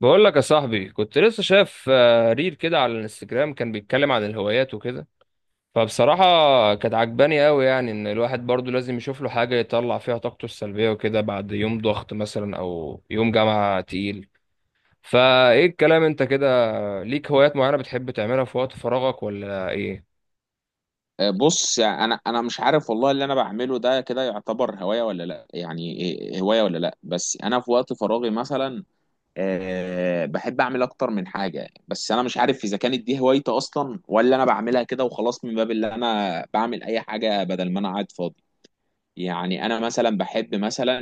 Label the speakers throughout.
Speaker 1: بقول لك يا صاحبي، كنت لسه شايف ريل كده على الانستجرام، كان بيتكلم عن الهوايات وكده. فبصراحة كانت عجباني قوي، يعني ان الواحد برضو لازم يشوف له حاجة يطلع فيها طاقته السلبية وكده بعد يوم ضغط مثلا او يوم جامعة تقيل. فايه الكلام انت كده، ليك هوايات معينة بتحب تعملها في وقت فراغك ولا ايه؟
Speaker 2: بص يعني انا مش عارف والله اللي انا بعمله ده كده يعتبر هوايه ولا لا، يعني هوايه ولا لا. بس انا في وقت فراغي مثلا بحب اعمل اكتر من حاجه. بس انا مش عارف اذا كانت دي هوايتي اصلا ولا انا بعملها كده وخلاص من باب اللي انا بعمل اي حاجه بدل ما انا قاعد فاضي. يعني انا مثلا بحب مثلا،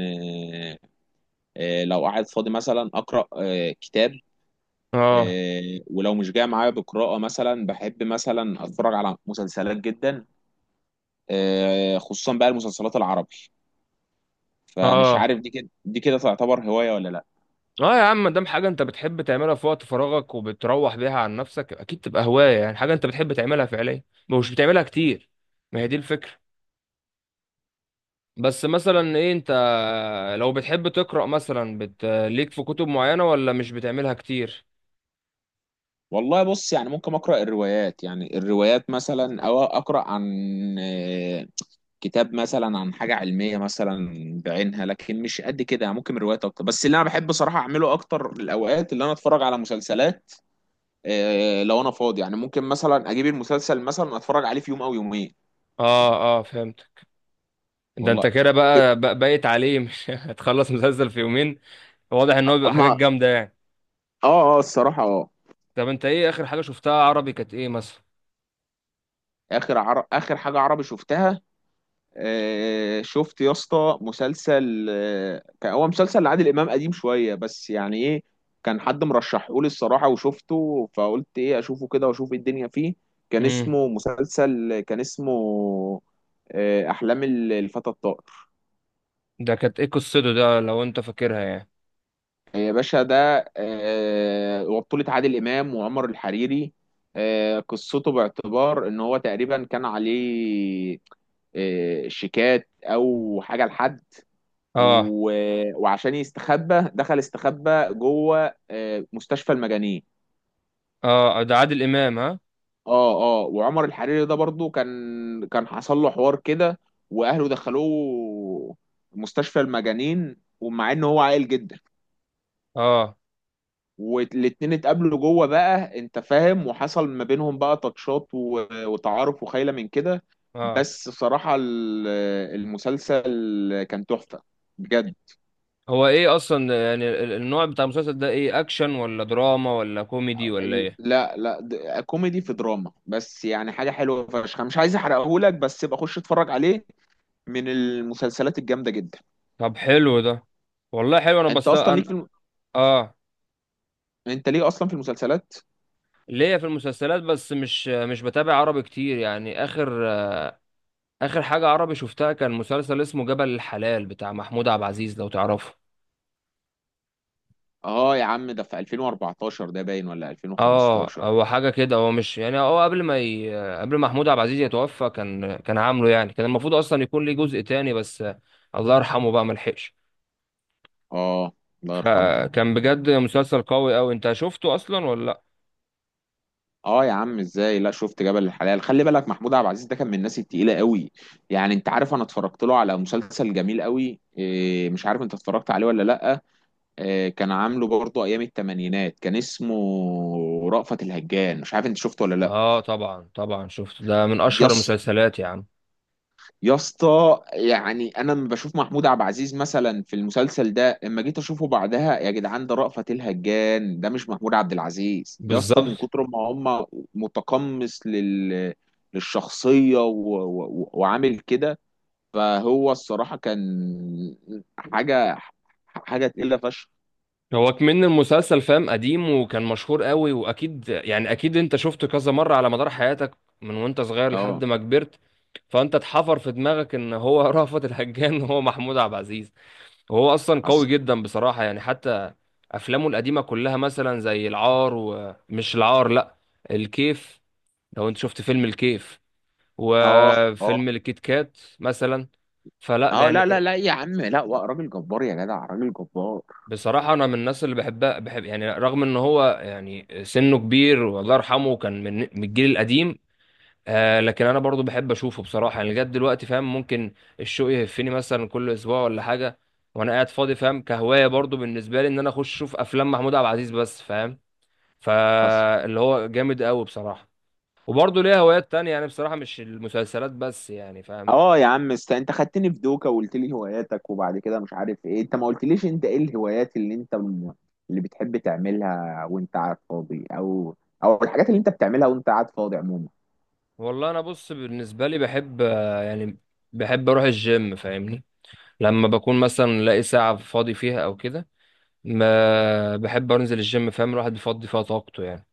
Speaker 2: آه، لو قاعد فاضي مثلا اقرا كتاب.
Speaker 1: اه
Speaker 2: ولو مش جاي معايا بقراءه، مثلا بحب مثلا اتفرج على مسلسلات جدا، خصوصا بقى المسلسلات العربي. فمش
Speaker 1: اه،
Speaker 2: عارف دي كده تعتبر هواية ولا لا.
Speaker 1: اه يا عم، دام حاجة انت بتحب تعملها في وقت فراغك وبتروح بيها عن نفسك، اكيد تبقى هواية. يعني حاجة انت بتحب تعملها فعليا ومش بتعملها كتير، ما هي دي الفكرة. بس مثلا ايه انت، لو بتحب تقرأ مثلا ليك في كتب معينة ولا مش بتعملها كتير؟
Speaker 2: والله بص، يعني ممكن اقرا الروايات، يعني الروايات مثلا او اقرا عن آه، كتاب مثلا عن حاجة علمية مثلا بعينها، لكن مش قد كده. يعني ممكن روايات اكتر، بس اللي انا بحب صراحة اعمله اكتر الاوقات اللي انا اتفرج على مسلسلات. لو انا فاضي يعني ممكن مثلا اجيب المسلسل مثلا اتفرج عليه في يوم او يومين.
Speaker 1: اه اه، فهمت. ده انت
Speaker 2: والله
Speaker 1: كده بقى بايت عليه مش هتخلص مسلسل في يومين. واضح ان هو بيبقى حاجات
Speaker 2: ما.
Speaker 1: جامدة يعني.
Speaker 2: اه، اه، الصراحة، اه.
Speaker 1: طب انت ايه اخر حاجة شفتها عربي؟ كانت ايه مثلا؟
Speaker 2: اخر حاجة عربي شفتها، شفت يا اسطى مسلسل، كان هو مسلسل لعادل امام قديم شويه، بس يعني ايه، كان حد مرشحه لي الصراحه وشفته، فقلت ايه اشوفه كده واشوف إيه الدنيا فيه.
Speaker 1: امم
Speaker 2: كان اسمه احلام الفتى الطائر.
Speaker 1: ده كانت ايه قصته ده لو انت فاكرها يعني؟
Speaker 2: يا باشا ده وبطولة عادل امام وعمر الحريري. قصته باعتبار ان هو تقريبا كان عليه شيكات او حاجه لحد.
Speaker 1: اه
Speaker 2: و... وعشان يستخبى دخل استخبى جوه مستشفى المجانين.
Speaker 1: اه، ده عادل امام ها.
Speaker 2: اه، اه، وعمر الحريري ده برضو كان حصل له حوار كده، واهله دخلوه مستشفى المجانين، ومع ان هو عاقل جدا.
Speaker 1: اه
Speaker 2: والاتنين اتقابلوا جوه بقى انت فاهم، وحصل ما بينهم بقى تاتشات وتعارف وخيله من كده.
Speaker 1: اه.
Speaker 2: بس صراحة المسلسل كان تحفة، بجد.
Speaker 1: هو ايه اصلا يعني النوع بتاع المسلسل ده ايه؟ اكشن ولا دراما ولا كوميدي ولا ايه؟
Speaker 2: لا لا، كوميدي في دراما، بس يعني حاجة حلوة فشخ، مش عايز احرقهولك بس يبقى خش اتفرج عليه، من المسلسلات الجامدة جدا.
Speaker 1: طب حلو ده، والله حلو. انا
Speaker 2: انت
Speaker 1: بس
Speaker 2: اصلا
Speaker 1: انا،
Speaker 2: ليك في الم...
Speaker 1: اه،
Speaker 2: انت ليه اصلا في المسلسلات؟
Speaker 1: ليا في المسلسلات، بس مش بتابع عربي كتير يعني. اخر اخر حاجة عربي شفتها كان مسلسل اسمه جبل الحلال بتاع محمود عبد العزيز، لو تعرفه.
Speaker 2: اه يا عم، ده في 2014 ده باين ولا
Speaker 1: اه
Speaker 2: 2015؟
Speaker 1: هو حاجة كده، هو مش يعني هو قبل ما قبل ما محمود عبد العزيز يتوفى كان عامله، يعني كان المفروض اصلا يكون ليه جزء تاني، بس الله يرحمه بقى ملحقش.
Speaker 2: اه. الله يرحمه.
Speaker 1: فكان بجد مسلسل قوي قوي. انت شفته اصلا ولا لا؟
Speaker 2: اه يا عم ازاي، لا شفت جبل الحلال، خلي بالك محمود عبد العزيز ده كان من الناس التقيلة قوي. يعني انت عارف، انا اتفرجت له على مسلسل جميل قوي، إيه مش عارف انت اتفرجت عليه ولا لا، كان عامله برضه ايام الثمانينات، كان اسمه رأفت الهجان. مش عارف انت شفته ولا لا؟
Speaker 1: اه طبعا طبعا، شفته، ده من اشهر
Speaker 2: يس.
Speaker 1: المسلسلات يا عم.
Speaker 2: يا اسطى، يعني انا لما بشوف محمود عبد العزيز مثلا في المسلسل ده، اما جيت اشوفه بعدها، يا جدعان ده رأفت الهجان، ده مش محمود عبد العزيز يا اسطى، من
Speaker 1: بالظبط.
Speaker 2: كتر ما هم متقمص للشخصية، وعامل كده. فهو الصراحة كان حاجة حاجة تقيلة فشخ.
Speaker 1: هو كمان المسلسل فاهم قديم وكان مشهور قوي، واكيد يعني اكيد انت شفته كذا مرة على مدار حياتك من وانت صغير لحد
Speaker 2: اه.
Speaker 1: ما كبرت. فانت اتحفر في دماغك ان هو رأفت الهجان هو محمود عبد العزيز. وهو اصلا قوي
Speaker 2: حصل.
Speaker 1: جدا بصراحة، يعني حتى افلامه القديمة كلها مثلا زي العار، ومش العار لا، الكيف. لو انت شفت فيلم الكيف
Speaker 2: اه، اه،
Speaker 1: وفيلم الكيت كات مثلا، فلا
Speaker 2: اه. لا لا
Speaker 1: يعني.
Speaker 2: لا يا عم، لا، راجل جبار يا جدع، راجل جبار.
Speaker 1: بصراحة أنا من الناس اللي بحبها، بحب يعني رغم إن هو يعني سنه كبير والله يرحمه، كان من الجيل القديم. آه لكن أنا برضو بحب أشوفه بصراحة، يعني لغاية دلوقتي فاهم. ممكن الشوق يهفني مثلا كل أسبوع ولا حاجة وأنا قاعد فاضي، فاهم، كهواية برضو بالنسبة لي، إن أنا أخش أشوف أفلام محمود عبد العزيز بس، فاهم؟
Speaker 2: حصل.
Speaker 1: فاللي هو جامد أوي بصراحة. وبرضه ليا هوايات تانية يعني بصراحة، مش المسلسلات بس يعني فاهم.
Speaker 2: اه يا عم است، انت خدتني في دوكا وقلت لي هواياتك، وبعد كده مش عارف ايه، انت ما قلتليش انت ايه الهوايات اللي بتحب تعملها وانت قاعد فاضي، او او الحاجات اللي انت بتعملها وانت قاعد فاضي عموما.
Speaker 1: والله أنا بص بالنسبة لي بحب، يعني بحب أروح الجيم فاهمني. لما بكون مثلا لاقي ساعة فاضي فيها أو كده، ما بحب أنزل الجيم، فاهم، الواحد بيفضي فيها طاقته يعني.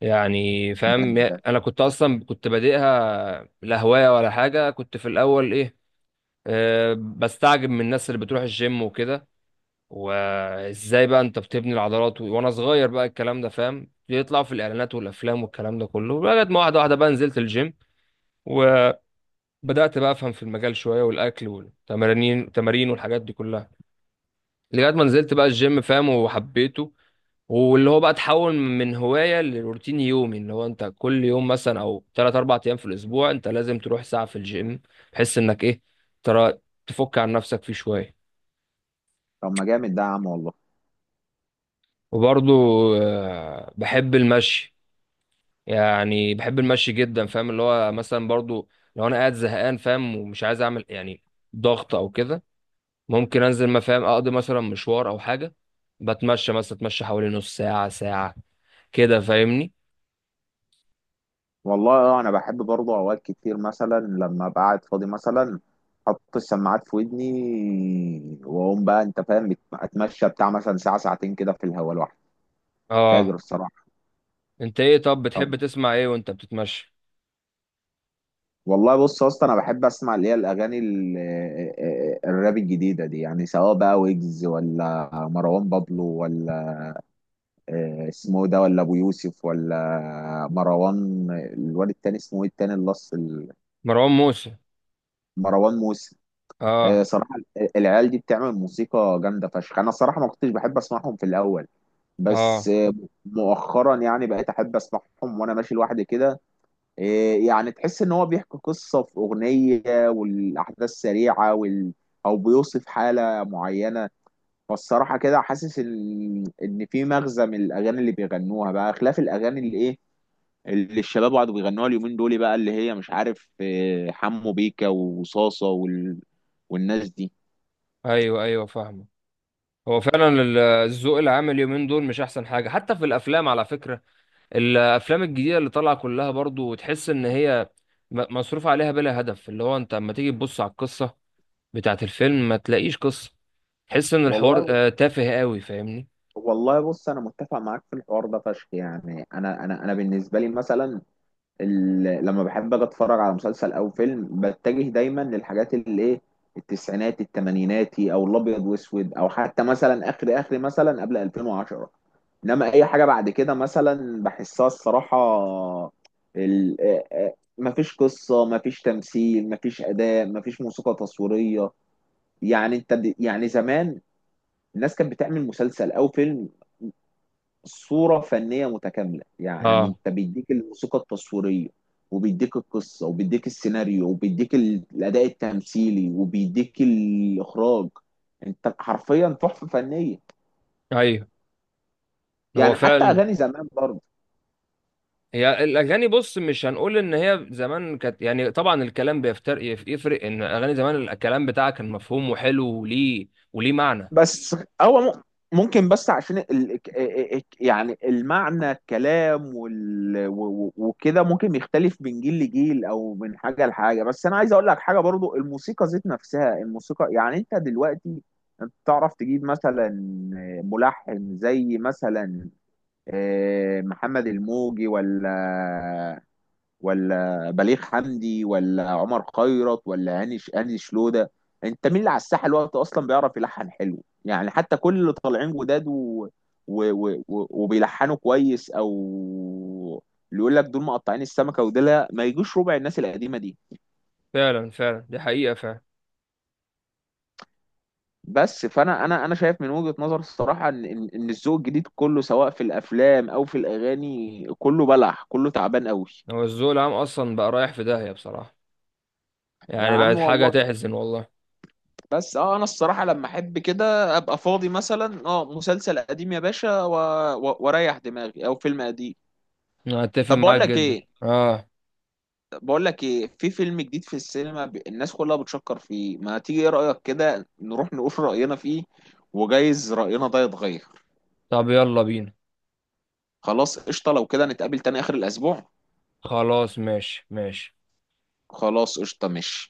Speaker 1: يعني فاهم
Speaker 2: جامد ده.
Speaker 1: أنا كنت أصلا، كنت بادئها لا هواية ولا حاجة. كنت في الأول إيه، أه، بستعجب من الناس اللي بتروح الجيم وكده، وإزاي بقى أنت بتبني العضلات، وأنا صغير بقى الكلام ده فاهم، يطلع في الإعلانات والأفلام والكلام ده كله، لغاية ما واحدة واحدة بقى نزلت الجيم. وبدأت بقى أفهم في المجال شوية، والأكل والتمارين، والحاجات دي كلها. لغايه ما نزلت بقى الجيم فاهم وحبيته، واللي هو بقى تحول من هوايه لروتين يومي، اللي هو انت كل يوم مثلا او ثلاث اربع ايام في الاسبوع انت لازم تروح ساعه في الجيم، بحيث انك ايه، ترى تفك عن نفسك فيه شويه.
Speaker 2: طب ما جامد ده يا عم، والله.
Speaker 1: وبرضو بحب المشي، يعني بحب المشي جدا فاهم. اللي هو مثلا برضو لو انا قاعد زهقان فاهم ومش عايز اعمل يعني ضغط او كده، ممكن انزل ما فاهم اقضي مثلا مشوار او حاجه، بتمشى مثلا، اتمشى حوالي نص ساعه ساعه كده فاهمني.
Speaker 2: والله انا بحب برضه اوقات كتير مثلا لما ابقى قاعد فاضي مثلا، احط السماعات في ودني واقوم بقى انت فاهم اتمشى بتاع مثلا ساعه ساعتين كده في الهواء لوحدي.
Speaker 1: اه.
Speaker 2: فاجر الصراحه.
Speaker 1: انت ايه طب
Speaker 2: طب
Speaker 1: بتحب تسمع ايه وانت بتتمشى؟
Speaker 2: والله بص يا اسطى، انا بحب اسمع اللي هي الاغاني الراب الجديده دي، يعني سواء بقى ويجز ولا مروان بابلو، ولا اسمه إيه ده، ولا ابو يوسف، ولا مروان الواد التاني اسمه ايه التاني، اللص
Speaker 1: مروان موسى.
Speaker 2: مروان موسى.
Speaker 1: اه
Speaker 2: صراحه العيال دي بتعمل موسيقى جامده فشخ. انا صراحه ما كنتش بحب اسمعهم في الاول، بس
Speaker 1: اه.
Speaker 2: مؤخرا يعني بقيت احب اسمعهم وانا ماشي لوحدي كده. إيه يعني، تحس ان هو بيحكي قصة في اغنية، والاحداث سريعة او بيوصف حالة معينة. فالصراحة كده حاسس ان في مغزى من الاغاني اللي بيغنوها بقى، خلاف الاغاني اللي ايه، اللي الشباب قعدوا بيغنوها اليومين دول بقى، اللي هي مش عارف إيه، حمو بيكا وصاصة والناس دي.
Speaker 1: ايوه ايوه فاهمه. هو فعلا الذوق العام اليومين دول مش احسن حاجه، حتى في الافلام على فكره. الافلام الجديده اللي طالعه كلها برضو تحس ان هي مصروف عليها بلا هدف. اللي هو انت اما تيجي تبص على القصه بتاعت الفيلم ما تلاقيش قصه، تحس ان الحوار
Speaker 2: والله.
Speaker 1: تافه قوي فاهمني.
Speaker 2: والله بص انا متفق معاك في الحوار ده فشخ. يعني انا انا بالنسبه لي مثلا، لما بحب اجي اتفرج على مسلسل او فيلم، بتجه دايما للحاجات اللي ايه، التسعينات التمانيناتي، او الابيض واسود، او حتى مثلا اخر، اخر مثلا قبل 2010. انما اي حاجه بعد كده مثلا بحسها الصراحه ال... ما فيش قصه، ما فيش تمثيل، ما فيش اداء، ما فيش موسيقى تصويريه. يعني انت يعني زمان الناس كانت بتعمل مسلسل او فيلم صورة فنية متكاملة. يعني
Speaker 1: اه
Speaker 2: انت بيديك الموسيقى التصويرية، وبيديك القصة، وبيديك السيناريو، وبيديك الأداء التمثيلي، وبيديك الإخراج. انت حرفيا تحفة فنية.
Speaker 1: ايوه، هو
Speaker 2: يعني حتى
Speaker 1: فعلا.
Speaker 2: أغاني زمان برضه.
Speaker 1: هي الاغاني بص، مش هنقول ان هي زمان كانت يعني، طبعا الكلام بيفترق، يفرق ان اغاني زمان الكلام بتاعها كان مفهوم وحلو وليه، وليه معنى.
Speaker 2: بس هو ممكن، بس عشان يعني المعنى الكلام وكده ممكن يختلف من جيل لجيل او من حاجه لحاجه. بس انا عايز اقول لك حاجه برضو، الموسيقى ذات نفسها، الموسيقى يعني انت دلوقتي انت تعرف تجيب مثلا ملحن زي مثلا محمد الموجي، ولا بليغ حمدي، ولا عمر خيرت، ولا هاني شلوده؟ انت مين اللي على الساحه الوقت اصلا بيعرف يلحن حلو؟ يعني حتى كل اللي طالعين جداد وبيلحنوا كويس، او اللي يقول لك دول مقطعين السمكه، ودول لا، ما يجوش ربع الناس القديمه دي.
Speaker 1: فعلا فعلا، دي حقيقة فعلا.
Speaker 2: بس فانا انا شايف من وجهه نظر الصراحه ان ان إن الذوق الجديد كله سواء في الافلام او في الاغاني كله بلح، كله تعبان قوي.
Speaker 1: هو الذوق العام اصلا بقى رايح في داهية بصراحة،
Speaker 2: يا
Speaker 1: يعني
Speaker 2: عم
Speaker 1: بقت حاجة
Speaker 2: والله.
Speaker 1: تحزن والله.
Speaker 2: بس انا الصراحه لما احب كده ابقى فاضي مثلا، مسلسل قديم يا باشا واريح دماغي، او فيلم قديم.
Speaker 1: انا اتفق
Speaker 2: طب بقول
Speaker 1: معاك
Speaker 2: لك
Speaker 1: جدا.
Speaker 2: ايه،
Speaker 1: اه.
Speaker 2: في فيلم جديد في السينما، الناس كلها بتشكر فيه، ما تيجي ايه رايك كده نروح نقول راينا فيه؟ وجايز راينا ده يتغير.
Speaker 1: طب يلا بينا.
Speaker 2: خلاص قشطه، لو كده نتقابل تاني اخر الاسبوع.
Speaker 1: خلاص ماشي ماشي.
Speaker 2: خلاص قشطه ماشي.